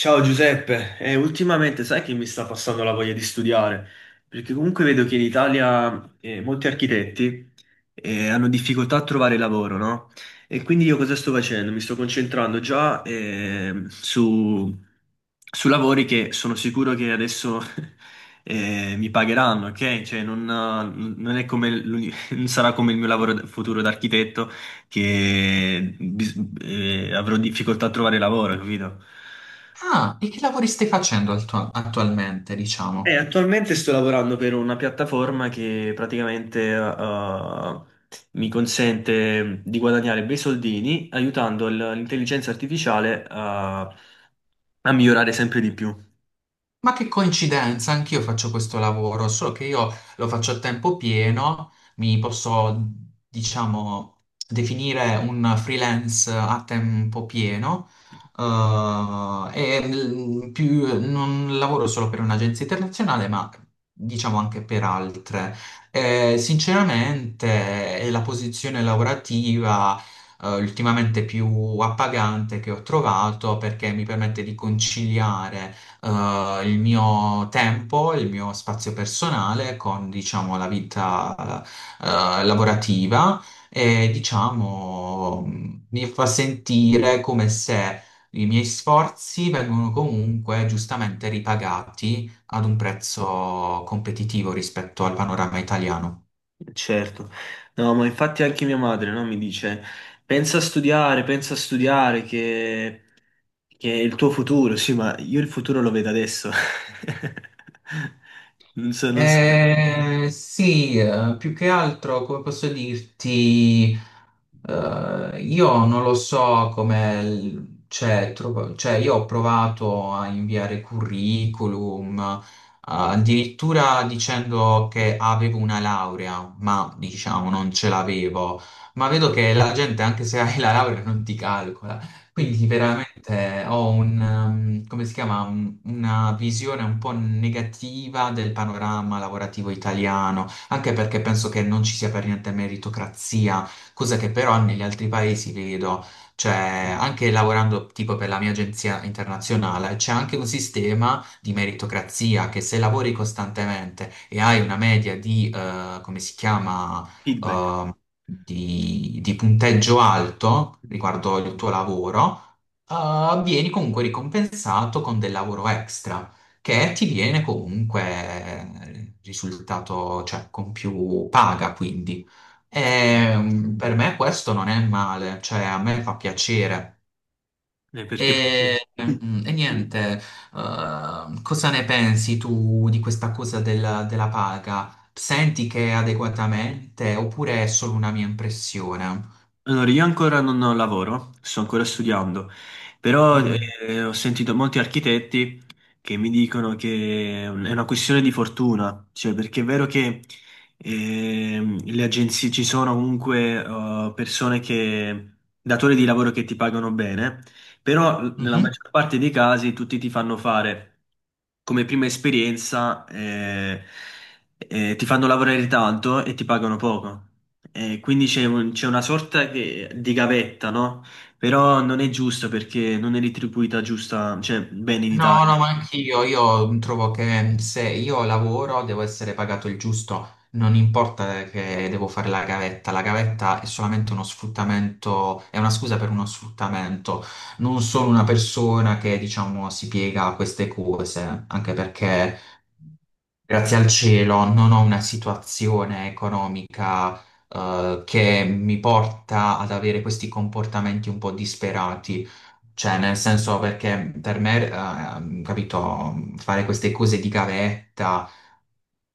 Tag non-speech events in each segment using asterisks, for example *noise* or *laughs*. Ciao Giuseppe. Ultimamente sai che mi sta passando la voglia di studiare? Perché comunque vedo che in Italia molti architetti hanno difficoltà a trovare lavoro, no? E quindi io cosa sto facendo? Mi sto concentrando già su lavori che sono sicuro che adesso *laughs* mi pagheranno, ok? Cioè non è come *laughs* non sarà come il mio futuro da architetto che avrò difficoltà a trovare lavoro, capito? Ah, e che lavori stai facendo attualmente, diciamo? Attualmente sto lavorando per una piattaforma che praticamente mi consente di guadagnare bei soldini aiutando l'intelligenza artificiale a migliorare sempre di più. Ma che coincidenza, anch'io faccio questo lavoro, solo che io lo faccio a tempo pieno, mi posso, diciamo, definire un freelance a tempo pieno, e non lavoro solo per un'agenzia internazionale, ma diciamo anche per altre. Sinceramente, è la posizione lavorativa ultimamente più appagante che ho trovato perché mi permette di conciliare il mio tempo, il mio spazio personale con, diciamo, la vita, lavorativa e, diciamo, mi fa sentire come se i miei sforzi vengono comunque giustamente ripagati ad un prezzo competitivo rispetto al panorama italiano. Certo, no, ma infatti anche mia madre, no, mi dice, pensa a studiare, che è il tuo futuro. Sì, ma io il futuro lo vedo adesso. *laughs* Non so, non so. Te. Sì, più che altro, come posso dirti, io non lo so come, cioè, cioè, io ho provato a inviare curriculum, addirittura dicendo che avevo una laurea, ma diciamo non ce l'avevo, ma vedo che la gente, anche se hai la laurea, non ti calcola. Quindi sì, veramente ho un, come si chiama, una visione un po' negativa del panorama lavorativo italiano, anche perché penso che non ci sia per niente meritocrazia, cosa che però negli altri paesi vedo, cioè anche lavorando tipo per la mia agenzia internazionale, c'è anche un sistema di meritocrazia che se lavori costantemente e hai una media di, come si chiama, Feedback. ehm, di punteggio alto riguardo il tuo lavoro, vieni comunque ricompensato con del lavoro extra, che ti viene comunque risultato, cioè con più paga, quindi. E, per me questo non è male, cioè a me fa piacere. Sì. Perché... E, e niente, cosa ne pensi tu di questa cosa della paga? Senti che è adeguatamente oppure è solo una mia impressione? Allora, io ancora non lavoro, sto ancora studiando, però Mm. Ho sentito molti architetti che mi dicono che è una questione di fortuna, cioè perché è vero che le agenzie ci sono comunque persone datori di lavoro che ti pagano bene, però nella Mhm. maggior parte dei casi tutti ti fanno fare come prima esperienza, ti fanno lavorare tanto e ti pagano poco. Quindi c'è una sorta di gavetta, no? Però non è giusta perché non è retribuita giusta, cioè, bene in No, Italia. no, ma anch'io, io trovo che se io lavoro devo essere pagato il giusto, non importa che devo fare la gavetta è solamente uno sfruttamento, è una scusa per uno sfruttamento, non sono una persona che diciamo si piega a queste cose, anche perché grazie al cielo non ho una situazione economica, che mi porta ad avere questi comportamenti un po' disperati. Cioè, nel senso perché per me, capito, fare queste cose di gavetta,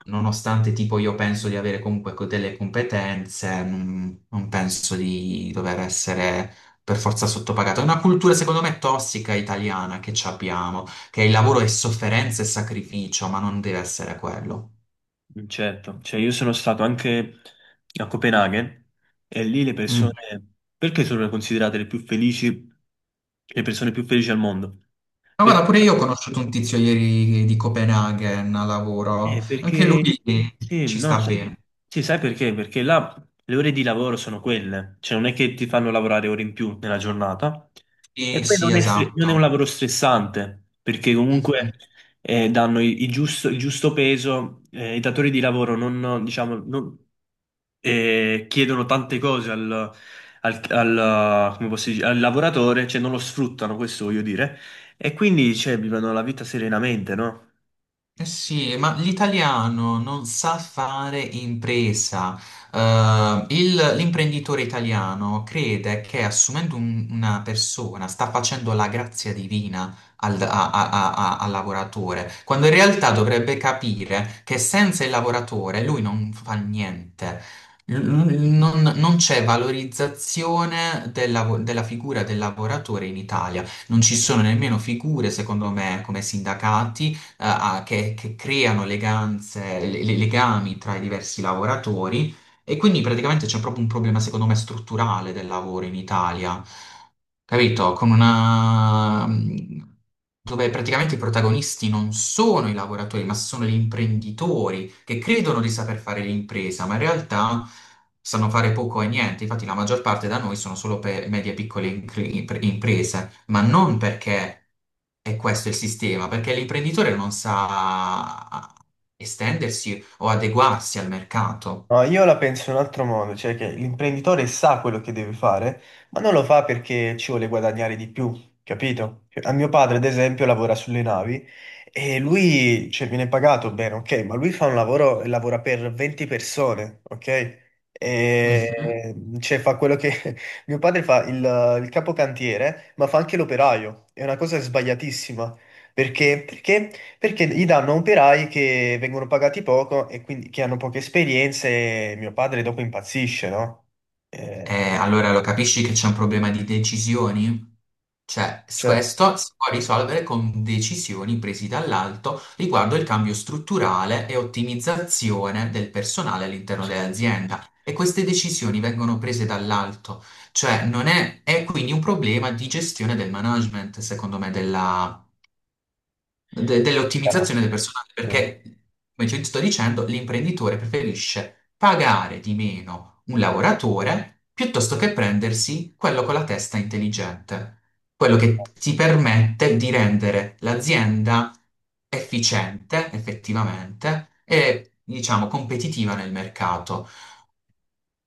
nonostante tipo io penso di avere comunque delle competenze, non penso di dover essere per forza sottopagato. È una cultura, secondo me, tossica italiana che ci abbiamo, che il lavoro è sofferenza e sacrificio, ma non deve essere quello. Certo, cioè io sono stato anche a Copenaghen e lì le persone, Mm. perché sono considerate le più felici, le persone più felici al mondo? Ma guarda, Perché pure io ho conosciuto un tizio ieri di Copenaghen a lavoro, Eh, anche perché lui sì, ci no, sta sa- bene. sì, sai perché? Perché là le ore di lavoro sono quelle, cioè non è che ti fanno lavorare ore in più nella giornata e Sì, poi sì, non è un esatto. lavoro stressante, perché comunque Mhm. Danno il giusto peso, i datori di lavoro non, diciamo, non- chiedono tante cose come posso dire, al lavoratore, cioè non lo sfruttano, questo voglio dire, e quindi cioè, vivono la vita serenamente, no? Eh sì, ma l'italiano non sa fare impresa. L'imprenditore italiano crede che assumendo una persona sta facendo la grazia divina al, al lavoratore, quando in realtà dovrebbe capire che senza il lavoratore lui non fa niente. Non c'è valorizzazione del della figura del lavoratore in Italia. Non ci sono nemmeno figure, secondo me, come sindacati, che creano eleganze, legami tra i diversi lavoratori e quindi praticamente c'è proprio un problema, secondo me, strutturale del lavoro in Italia, capito? Con una... dove praticamente i protagonisti non sono i lavoratori, ma sono gli imprenditori che credono di saper fare l'impresa, ma in realtà sanno fare poco e niente. Infatti la maggior parte da noi sono solo per medie e piccole imprese, ma non perché e questo è il sistema, perché l'imprenditore non sa estendersi o adeguarsi al mercato. No, io la penso in un altro modo, cioè che l'imprenditore sa quello che deve fare, ma non lo fa perché ci vuole guadagnare di più, capito? Cioè, a mio padre, ad esempio, lavora sulle navi e lui, cioè, viene pagato bene, ok, ma lui fa un lavoro, e lavora per 20 persone, ok? Mhm. E, cioè, fa quello che... *laughs* Mio padre fa il capocantiere, ma fa anche l'operaio. È una cosa sbagliatissima. Perché? Perché gli danno operai che vengono pagati poco e quindi che hanno poche esperienze, e mio padre dopo impazzisce, no? Eh, Allora lo capisci che c'è un problema di decisioni? Cioè, certo, questo si può risolvere con decisioni prese dall'alto riguardo il cambio strutturale e ottimizzazione del personale all'interno sì, dell'azienda. E queste decisioni vengono prese dall'alto, cioè non è, è quindi un problema di gestione del management, secondo me, della chiaro, dell'ottimizzazione del personale, sì, perché, come ti sto dicendo, l'imprenditore preferisce pagare di meno un lavoratore piuttosto che prendersi quello con la testa intelligente, quello che ti permette di rendere l'azienda efficiente, effettivamente, e diciamo competitiva nel mercato.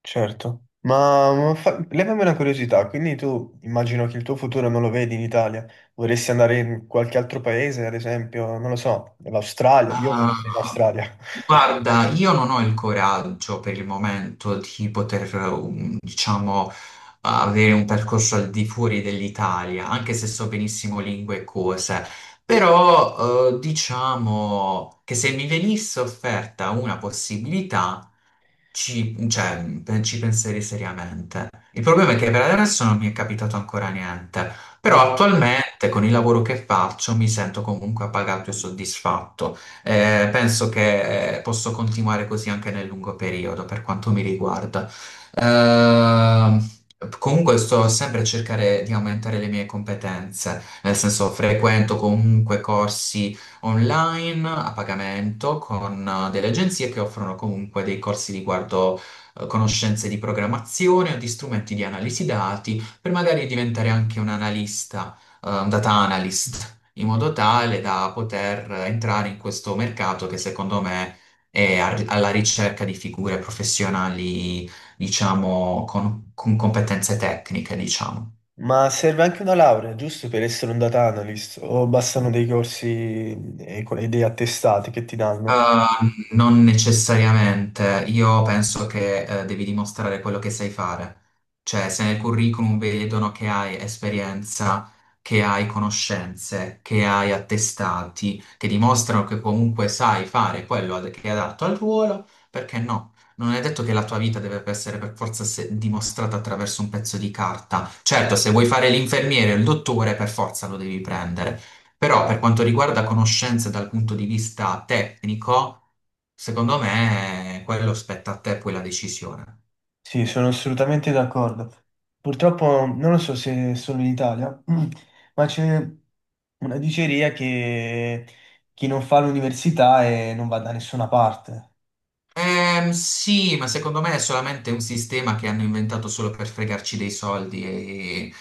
certo. Ma, levami una curiosità, quindi tu immagino che il tuo futuro non lo vedi in Italia, vorresti andare in qualche altro paese, ad esempio, non lo so, l'Australia, io vorrei Ah, andare in Australia. guarda, io non ho il coraggio per il momento di poter, diciamo, avere un percorso al di fuori dell'Italia, anche se so benissimo lingue e cose. Però, diciamo che se mi venisse offerta una possibilità, cioè, ci penserei seriamente. Il problema è che per adesso non mi è capitato ancora niente, *laughs* Mm. però attualmente con il lavoro che faccio mi sento comunque appagato e soddisfatto. Penso che posso continuare così anche nel lungo periodo, per quanto mi riguarda. Ehm, Comunque sto sempre a cercare di aumentare le mie competenze, nel senso frequento comunque corsi online a pagamento con delle agenzie che offrono comunque dei corsi riguardo conoscenze di programmazione o di strumenti di analisi dati per magari diventare anche un analista, un data analyst, in modo tale da poter entrare in questo mercato che secondo me è alla ricerca di figure professionali, diciamo, con competenze tecniche, diciamo. Ma serve anche una laurea, giusto, per essere un data analyst? O bastano dei corsi e e dei attestati che ti danno? Non necessariamente, io penso che devi dimostrare quello che sai fare, cioè se nel curriculum vedono che hai esperienza, che hai conoscenze, che hai attestati, che dimostrano che comunque sai fare quello che è adatto al ruolo, perché no? Non è detto che la tua vita deve essere per forza dimostrata attraverso un pezzo di carta. Certo, se vuoi fare l'infermiere o il dottore, per forza lo devi prendere. Però per quanto riguarda conoscenze dal punto di vista tecnico, secondo me quello spetta a te poi la decisione. Sì, sono assolutamente d'accordo. Purtroppo non lo so se è solo in Italia, *clears throat* ma c'è una diceria che chi non fa l'università non va da nessuna parte. Sì, ma secondo me è solamente un sistema che hanno inventato solo per fregarci dei soldi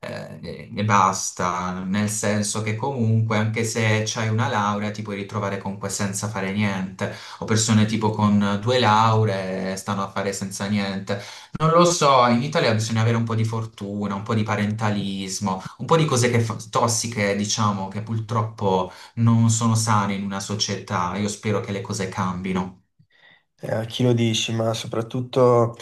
e basta, nel senso che comunque anche se c'hai una laurea ti puoi ritrovare comunque senza fare niente, o persone tipo con due lauree stanno a fare senza niente. Non lo so, in Italia bisogna avere un po' di fortuna, un po' di parentalismo, un po' di cose che tossiche, diciamo, che purtroppo non sono sane in una società. Io spero che le cose cambino. A chi lo dici, ma soprattutto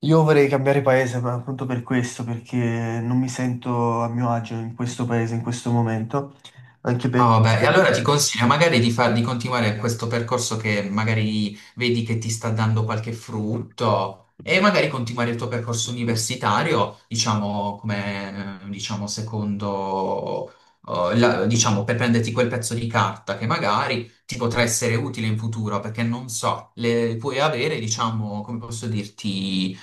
io vorrei cambiare paese, ma appunto per questo, perché non mi sento a mio agio in questo paese, in questo momento, anche Ah, vabbè, e perché allora ti consiglio magari di, di continuare questo percorso che magari vedi che ti sta dando qualche frutto e magari continuare il tuo percorso universitario, diciamo, come, diciamo, secondo, diciamo, per prenderti quel pezzo di carta che magari ti potrà essere utile in futuro, perché non so, le, puoi avere, diciamo, come posso dirti,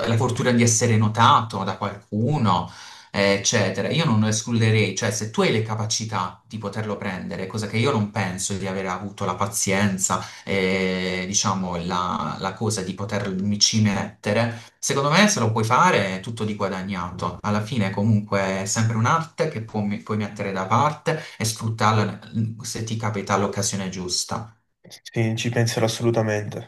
la fortuna di essere notato da qualcuno eccetera. Io non lo escluderei, cioè se tu hai le capacità di poterlo prendere, cosa che io non penso di aver avuto la pazienza e diciamo la cosa di potermi ci mettere, secondo me se lo puoi fare è tutto di guadagnato. Alla fine comunque è sempre un'arte che puoi mettere da parte e sfruttarla se ti capita l'occasione giusta. sì, ci penserò assolutamente.